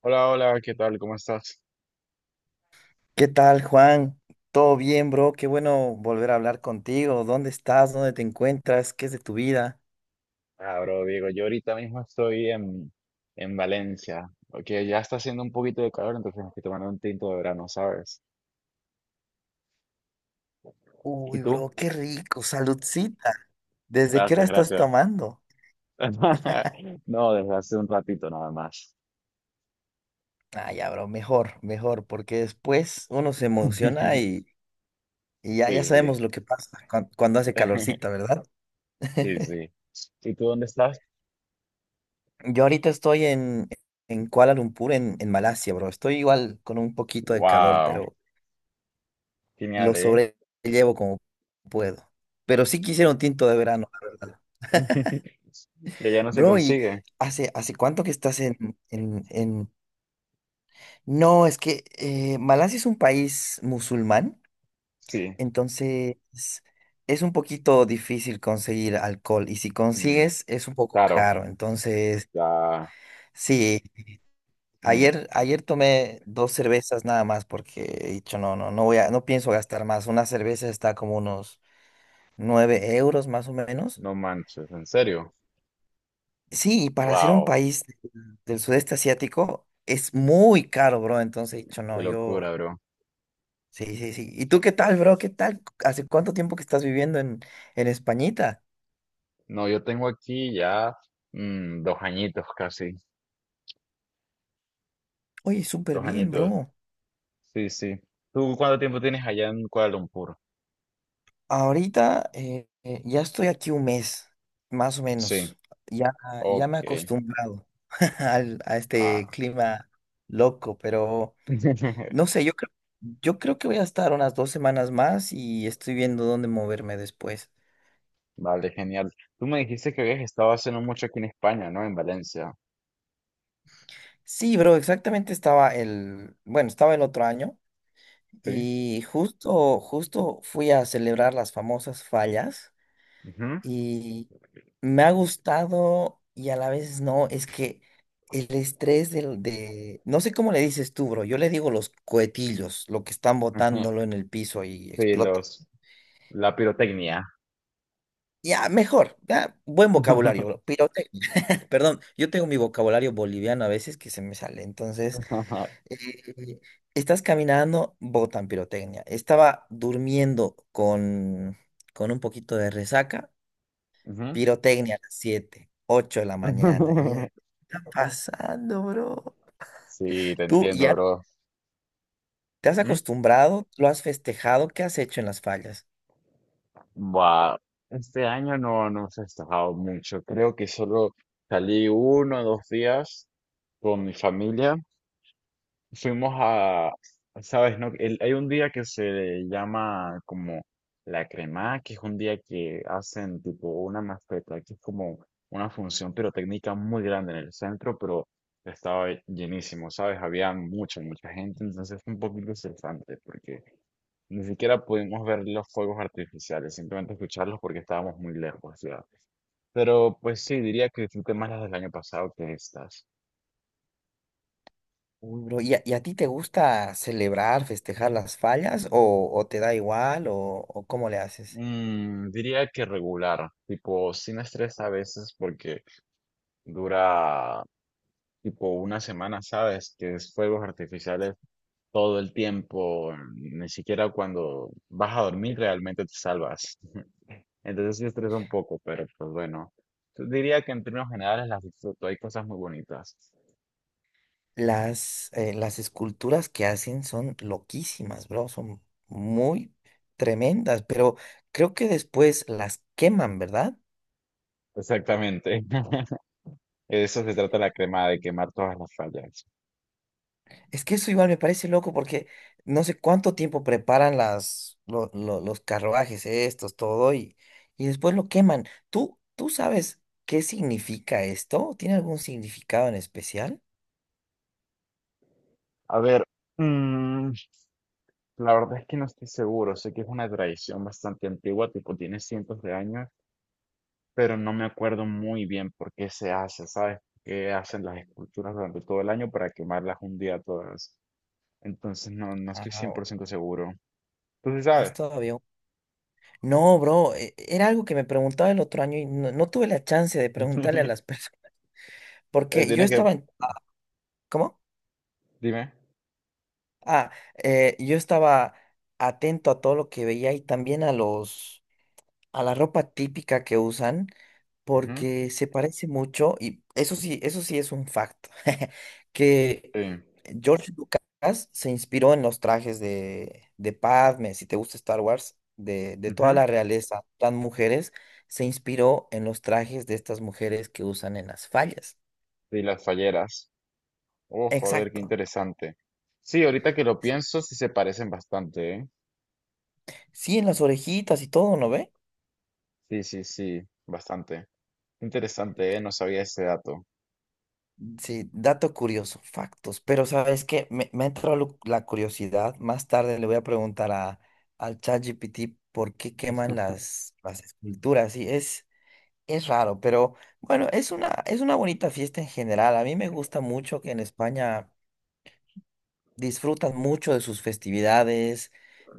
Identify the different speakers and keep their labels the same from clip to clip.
Speaker 1: Hola, hola, ¿qué tal? ¿Cómo estás?
Speaker 2: ¿Qué tal, Juan? ¿Todo bien, bro? Qué bueno volver a hablar contigo. ¿Dónde estás? ¿Dónde te encuentras? ¿Qué es de tu vida?
Speaker 1: Ah, bro, Diego, yo ahorita mismo estoy en Valencia, porque ya está haciendo un poquito de calor, entonces me estoy tomando un tinto de verano, ¿sabes? ¿Y
Speaker 2: Uy,
Speaker 1: tú?
Speaker 2: bro, qué rico. Saludcita. ¿Desde qué hora
Speaker 1: Gracias,
Speaker 2: estás
Speaker 1: gracias.
Speaker 2: tomando?
Speaker 1: No, desde hace un ratito nada más.
Speaker 2: Ah, ya, bro, mejor, mejor, porque después uno se emociona y ya,
Speaker 1: Sí,
Speaker 2: ya
Speaker 1: sí.
Speaker 2: sabemos lo que pasa cuando hace calorcita, ¿verdad?
Speaker 1: Sí, sí. ¿Y tú dónde estás?
Speaker 2: Yo ahorita estoy en Kuala Lumpur, en Malasia, bro. Estoy igual con un poquito de calor,
Speaker 1: Wow,
Speaker 2: pero lo
Speaker 1: genial, ¿eh?
Speaker 2: sobrellevo como puedo. Pero sí quisiera un tinto de verano, la verdad.
Speaker 1: Que ya no se
Speaker 2: Bro, ¿y
Speaker 1: consigue.
Speaker 2: hace cuánto que estás en... No, es que Malasia es un país musulmán,
Speaker 1: Sí,
Speaker 2: entonces es un poquito difícil conseguir alcohol y si
Speaker 1: mm,
Speaker 2: consigues es un poco
Speaker 1: claro,
Speaker 2: caro. Entonces,
Speaker 1: ya.
Speaker 2: sí,
Speaker 1: Mm,
Speaker 2: ayer tomé dos cervezas nada más porque he dicho, no, no, no pienso gastar más. Una cerveza está como unos 9 euros más o menos.
Speaker 1: no manches, en serio.
Speaker 2: Sí, y para ser un
Speaker 1: Wow.
Speaker 2: país del sudeste asiático es muy caro, bro. Entonces he dicho,
Speaker 1: Qué
Speaker 2: no, yo.
Speaker 1: locura, bro.
Speaker 2: Sí, sí, sí. ¿Y tú qué tal, bro? ¿Qué tal? ¿Hace cuánto tiempo que estás viviendo en Españita?
Speaker 1: No, yo tengo aquí ya dos añitos casi,
Speaker 2: Oye, súper
Speaker 1: dos
Speaker 2: bien,
Speaker 1: añitos.
Speaker 2: bro.
Speaker 1: Sí, sí. ¿Tú cuánto tiempo tienes allá en Kuala Lumpur?
Speaker 2: Ahorita ya estoy aquí un mes, más o
Speaker 1: Sí,
Speaker 2: menos. Ya, ya me
Speaker 1: ok.
Speaker 2: he acostumbrado a este
Speaker 1: Ah.
Speaker 2: clima loco, pero no sé, yo creo que voy a estar unas 2 semanas más y estoy viendo dónde moverme después.
Speaker 1: Vale, genial. Tú me dijiste que habías estado haciendo mucho aquí en España, ¿no? En Valencia.
Speaker 2: Sí, bro, exactamente bueno, estaba el otro año
Speaker 1: Sí.
Speaker 2: y justo fui a celebrar las famosas fallas
Speaker 1: Ujú,
Speaker 2: y me ha gustado y a la vez no, es que el estrés no sé cómo le dices tú, bro, yo le digo los cohetillos, lo que están
Speaker 1: ujú.
Speaker 2: botándolo en el piso y
Speaker 1: Sí,
Speaker 2: explota.
Speaker 1: la pirotecnia.
Speaker 2: Ya, mejor, ya, buen vocabulario, bro, pirotecnia. Perdón, yo tengo mi vocabulario boliviano a veces que se me sale, entonces... eh, estás caminando, botan pirotecnia. Estaba durmiendo con un poquito de resaca,
Speaker 1: Ujú.
Speaker 2: pirotecnia a las 7, 8 de la mañana. Y ya está pasando, bro.
Speaker 1: Sí, te
Speaker 2: Tú
Speaker 1: entiendo,
Speaker 2: ya
Speaker 1: bro.
Speaker 2: te has
Speaker 1: ¿Mm?
Speaker 2: acostumbrado, lo has festejado, ¿qué has hecho en las fallas?
Speaker 1: Buah, este año no he festejado mucho. Creo que solo salí uno o dos días con mi familia. Fuimos a, ¿Sabes? ¿No? Hay un día que se llama como la crema, que es un día que hacen tipo una mascleta, que es como una función pirotécnica muy grande en el centro, pero estaba llenísimo, ¿sabes? Había mucha, mucha gente, entonces fue un poquito estresante porque ni siquiera pudimos ver los fuegos artificiales, simplemente escucharlos porque estábamos muy lejos, ya. Pero pues sí, diría que disfruté más las del año pasado que estas.
Speaker 2: Uy, bro, ¿ y a ti te gusta celebrar, festejar las fallas o te da igual o cómo le haces?
Speaker 1: Diría que regular, tipo sin estrés a veces porque dura tipo una semana, ¿sabes? Que es fuegos artificiales todo el tiempo, ni siquiera cuando vas a dormir realmente te salvas. Entonces sí estresa un poco, pero pues bueno. Diría que en términos generales las disfruto, hay cosas muy bonitas.
Speaker 2: Las esculturas que hacen son loquísimas, bro, son muy tremendas, pero creo que después las queman, ¿verdad?
Speaker 1: Exactamente. Eso se trata la crema, de quemar todas las fallas.
Speaker 2: Es que eso igual me parece loco porque no sé cuánto tiempo preparan los carruajes estos, todo, y después lo queman. ¿Tú sabes qué significa esto? ¿Tiene algún significado en especial?
Speaker 1: A ver, mm, la verdad es que no estoy seguro. Sé que es una tradición bastante antigua, tipo tiene cientos de años, pero no me acuerdo muy bien por qué se hace, ¿sabes? Que hacen las esculturas durante todo el año para quemarlas un día todas. Entonces no estoy
Speaker 2: Ajá,
Speaker 1: cien por
Speaker 2: bueno,
Speaker 1: ciento seguro. Tú sí
Speaker 2: es
Speaker 1: sabes.
Speaker 2: todavía... No, bro, era algo que me preguntaba el otro año y no, no tuve la chance de preguntarle a las personas.
Speaker 1: Eh,
Speaker 2: Porque yo
Speaker 1: Tienes que,
Speaker 2: estaba en... ah, ¿cómo?
Speaker 1: Dime.
Speaker 2: Ah, yo estaba atento a todo lo que veía y también a la ropa típica que usan,
Speaker 1: Ujú.
Speaker 2: porque se parece mucho, y eso sí es un facto, que
Speaker 1: Sí.
Speaker 2: George Lucas se inspiró en los trajes de Padme, si te gusta Star Wars, de toda
Speaker 1: Ujú.
Speaker 2: la realeza, las mujeres, se inspiró en los trajes de estas mujeres que usan en las fallas.
Speaker 1: Y las falleras. Oh, joder, qué
Speaker 2: Exacto.
Speaker 1: interesante. Sí, ahorita que lo pienso, sí se parecen bastante, ¿eh?
Speaker 2: Sí, en las orejitas y todo, ¿no ve?
Speaker 1: Sí, sí, sí, bastante. Interesante, ¿eh? No sabía ese dato.
Speaker 2: Sí, dato curioso, factos. Pero sabes que me ha entrado la curiosidad. Más tarde le voy a preguntar al ChatGPT por qué queman las esculturas. Sí, es raro, pero bueno, es una bonita fiesta en general. A mí me gusta mucho que en España disfrutan mucho de sus festividades,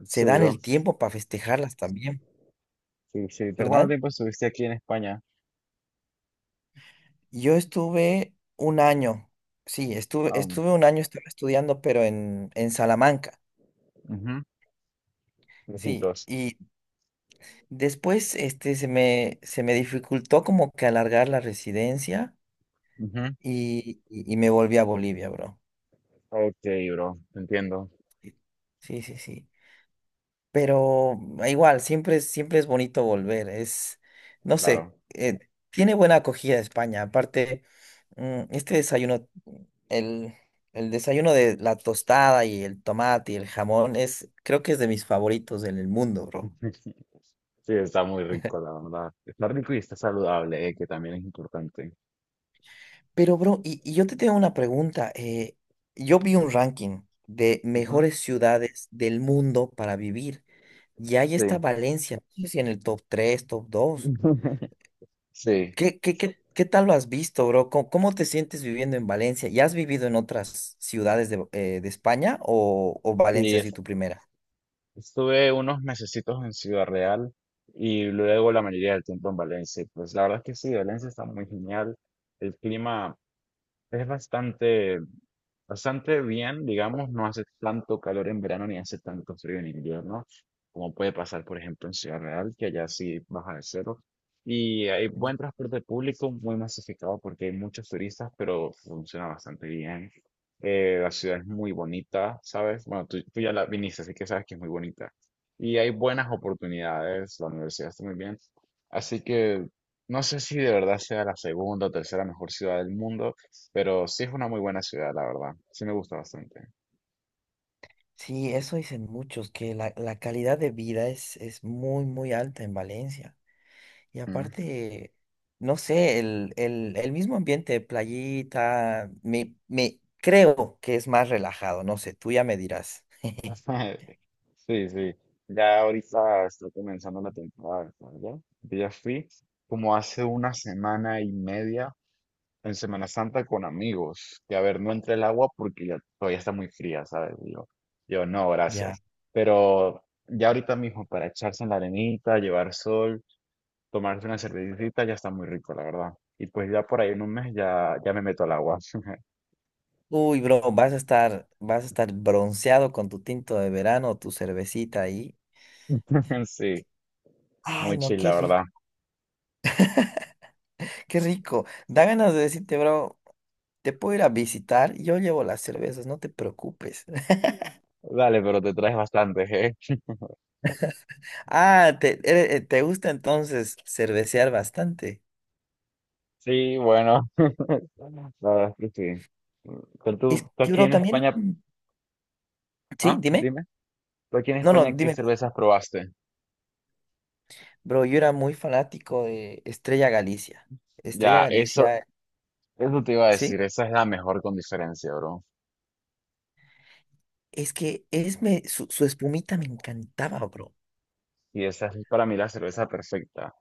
Speaker 2: se
Speaker 1: Sí,
Speaker 2: dan el
Speaker 1: bro.
Speaker 2: tiempo para festejarlas también,
Speaker 1: Sí, sí. ¿Tú cuánto
Speaker 2: ¿verdad?
Speaker 1: tiempo estuviste aquí en España?
Speaker 2: Yo estuve un año, sí,
Speaker 1: Ah,
Speaker 2: estuve un año, estaba estudiando, pero en Salamanca.
Speaker 1: ujú,
Speaker 2: Sí,
Speaker 1: lejitos.
Speaker 2: y después, este, se me dificultó como que alargar la residencia
Speaker 1: Ujú.
Speaker 2: y me volví a Bolivia, bro.
Speaker 1: Ok, bro. Entiendo.
Speaker 2: Sí, sí, sí. Sí. Pero ah, igual, siempre, siempre es bonito volver. Es, no sé,
Speaker 1: Claro.
Speaker 2: tiene buena acogida España. Aparte, este desayuno, el, el desayuno de la tostada y el tomate y el jamón, creo que es de mis favoritos en el mundo, bro.
Speaker 1: Sí, está muy rico, la verdad. Está rico y está saludable, que también es importante.
Speaker 2: Pero, bro, y yo te tengo una pregunta. Yo vi un ranking de
Speaker 1: Ujú.
Speaker 2: mejores ciudades del mundo para vivir y ahí está
Speaker 1: Sí.
Speaker 2: Valencia, no sé si en el top 3, ¿top 2?
Speaker 1: Sí.
Speaker 2: ¿Qué tal lo has visto, bro? ¿Cómo te sientes viviendo en Valencia? ¿Ya has vivido en otras ciudades de España o Valencia ha
Speaker 1: Sí,
Speaker 2: sido tu primera?
Speaker 1: estuve unos mesecitos en Ciudad Real y luego la mayoría del tiempo en Valencia. Y pues la verdad es que sí, Valencia está muy genial. El clima es bastante bien, digamos, no hace tanto calor en verano ni hace tanto frío en invierno, como puede pasar, por ejemplo, en Ciudad Real, que allá sí baja de cero. Y hay
Speaker 2: Mm.
Speaker 1: buen transporte público, muy masificado porque hay muchos turistas, pero funciona bastante bien. La ciudad es muy bonita, ¿sabes? Bueno, tú ya la viniste, así que sabes que es muy bonita. Y hay buenas oportunidades, la universidad está muy bien. Así que no sé si de verdad sea la segunda o tercera mejor ciudad del mundo, pero sí es una muy buena ciudad, la verdad. Sí me gusta bastante.
Speaker 2: Sí, eso dicen muchos, que la calidad de vida es muy, muy alta en Valencia. Y
Speaker 1: Mm.
Speaker 2: aparte, no sé, el mismo ambiente de playita, me creo que es más relajado, no sé, tú ya me dirás.
Speaker 1: Sí, sí. Ya ahorita está comenzando la temporada de sol, ¿ya? Yo ya fui como hace una semana y media en Semana Santa con amigos. Y a ver, no entré el agua porque ya todavía está muy fría, ¿sabes? Y yo no,
Speaker 2: Ya.
Speaker 1: gracias. Pero ya ahorita mismo para echarse en la arenita, llevar sol, tomarse una cervecita, ya está muy rico, la verdad. Y pues ya por ahí en un mes ya me meto al agua.
Speaker 2: Uy, bro, vas a estar bronceado con tu tinto de verano, tu cervecita ahí.
Speaker 1: Sí.
Speaker 2: Ay,
Speaker 1: Muy
Speaker 2: no,
Speaker 1: chill,
Speaker 2: qué
Speaker 1: la verdad.
Speaker 2: rico, qué rico. Da ganas de decirte, bro, te puedo ir a visitar, yo llevo las cervezas, no te preocupes.
Speaker 1: Dale, pero te traes bastante, ¿eh?
Speaker 2: Ah, te gusta entonces cervecear bastante.
Speaker 1: Sí, bueno, la verdad es que sí. Pero
Speaker 2: Es
Speaker 1: tú
Speaker 2: que,
Speaker 1: aquí
Speaker 2: bro,
Speaker 1: en
Speaker 2: también,
Speaker 1: España,
Speaker 2: sí, dime.
Speaker 1: dime, tú aquí en
Speaker 2: No, no,
Speaker 1: España, ¿qué
Speaker 2: dime tú.
Speaker 1: cervezas probaste?
Speaker 2: Bro, yo era muy fanático de Estrella Galicia. Estrella
Speaker 1: Ya,
Speaker 2: Galicia,
Speaker 1: eso te iba a
Speaker 2: ¿sí?
Speaker 1: decir, esa es la mejor con diferencia, bro.
Speaker 2: Es que es me, su espumita me encantaba, bro.
Speaker 1: Y esa es para mí la cerveza perfecta.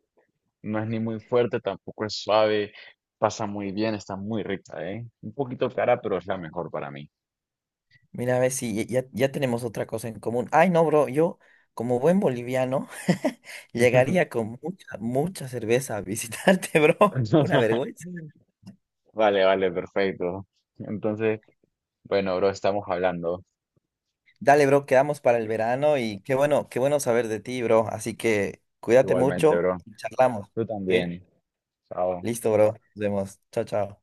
Speaker 1: No es ni muy fuerte, tampoco es suave, pasa muy bien, está muy rica, ¿eh? Un poquito cara, pero es la mejor para mí.
Speaker 2: Mira, a ver si ya, ya tenemos otra cosa en común. Ay, no, bro, yo como buen boliviano llegaría con mucha, mucha cerveza a visitarte, bro. Una vergüenza.
Speaker 1: Vale, vale, perfecto. Entonces, bueno, bro, estamos hablando
Speaker 2: Dale, bro, quedamos para el verano y qué bueno saber de ti, bro. Así que cuídate
Speaker 1: igualmente,
Speaker 2: mucho
Speaker 1: bro.
Speaker 2: y charlamos,
Speaker 1: Tú
Speaker 2: ¿sí?
Speaker 1: también. Chao.
Speaker 2: Listo, bro. Nos vemos. Chao, chao.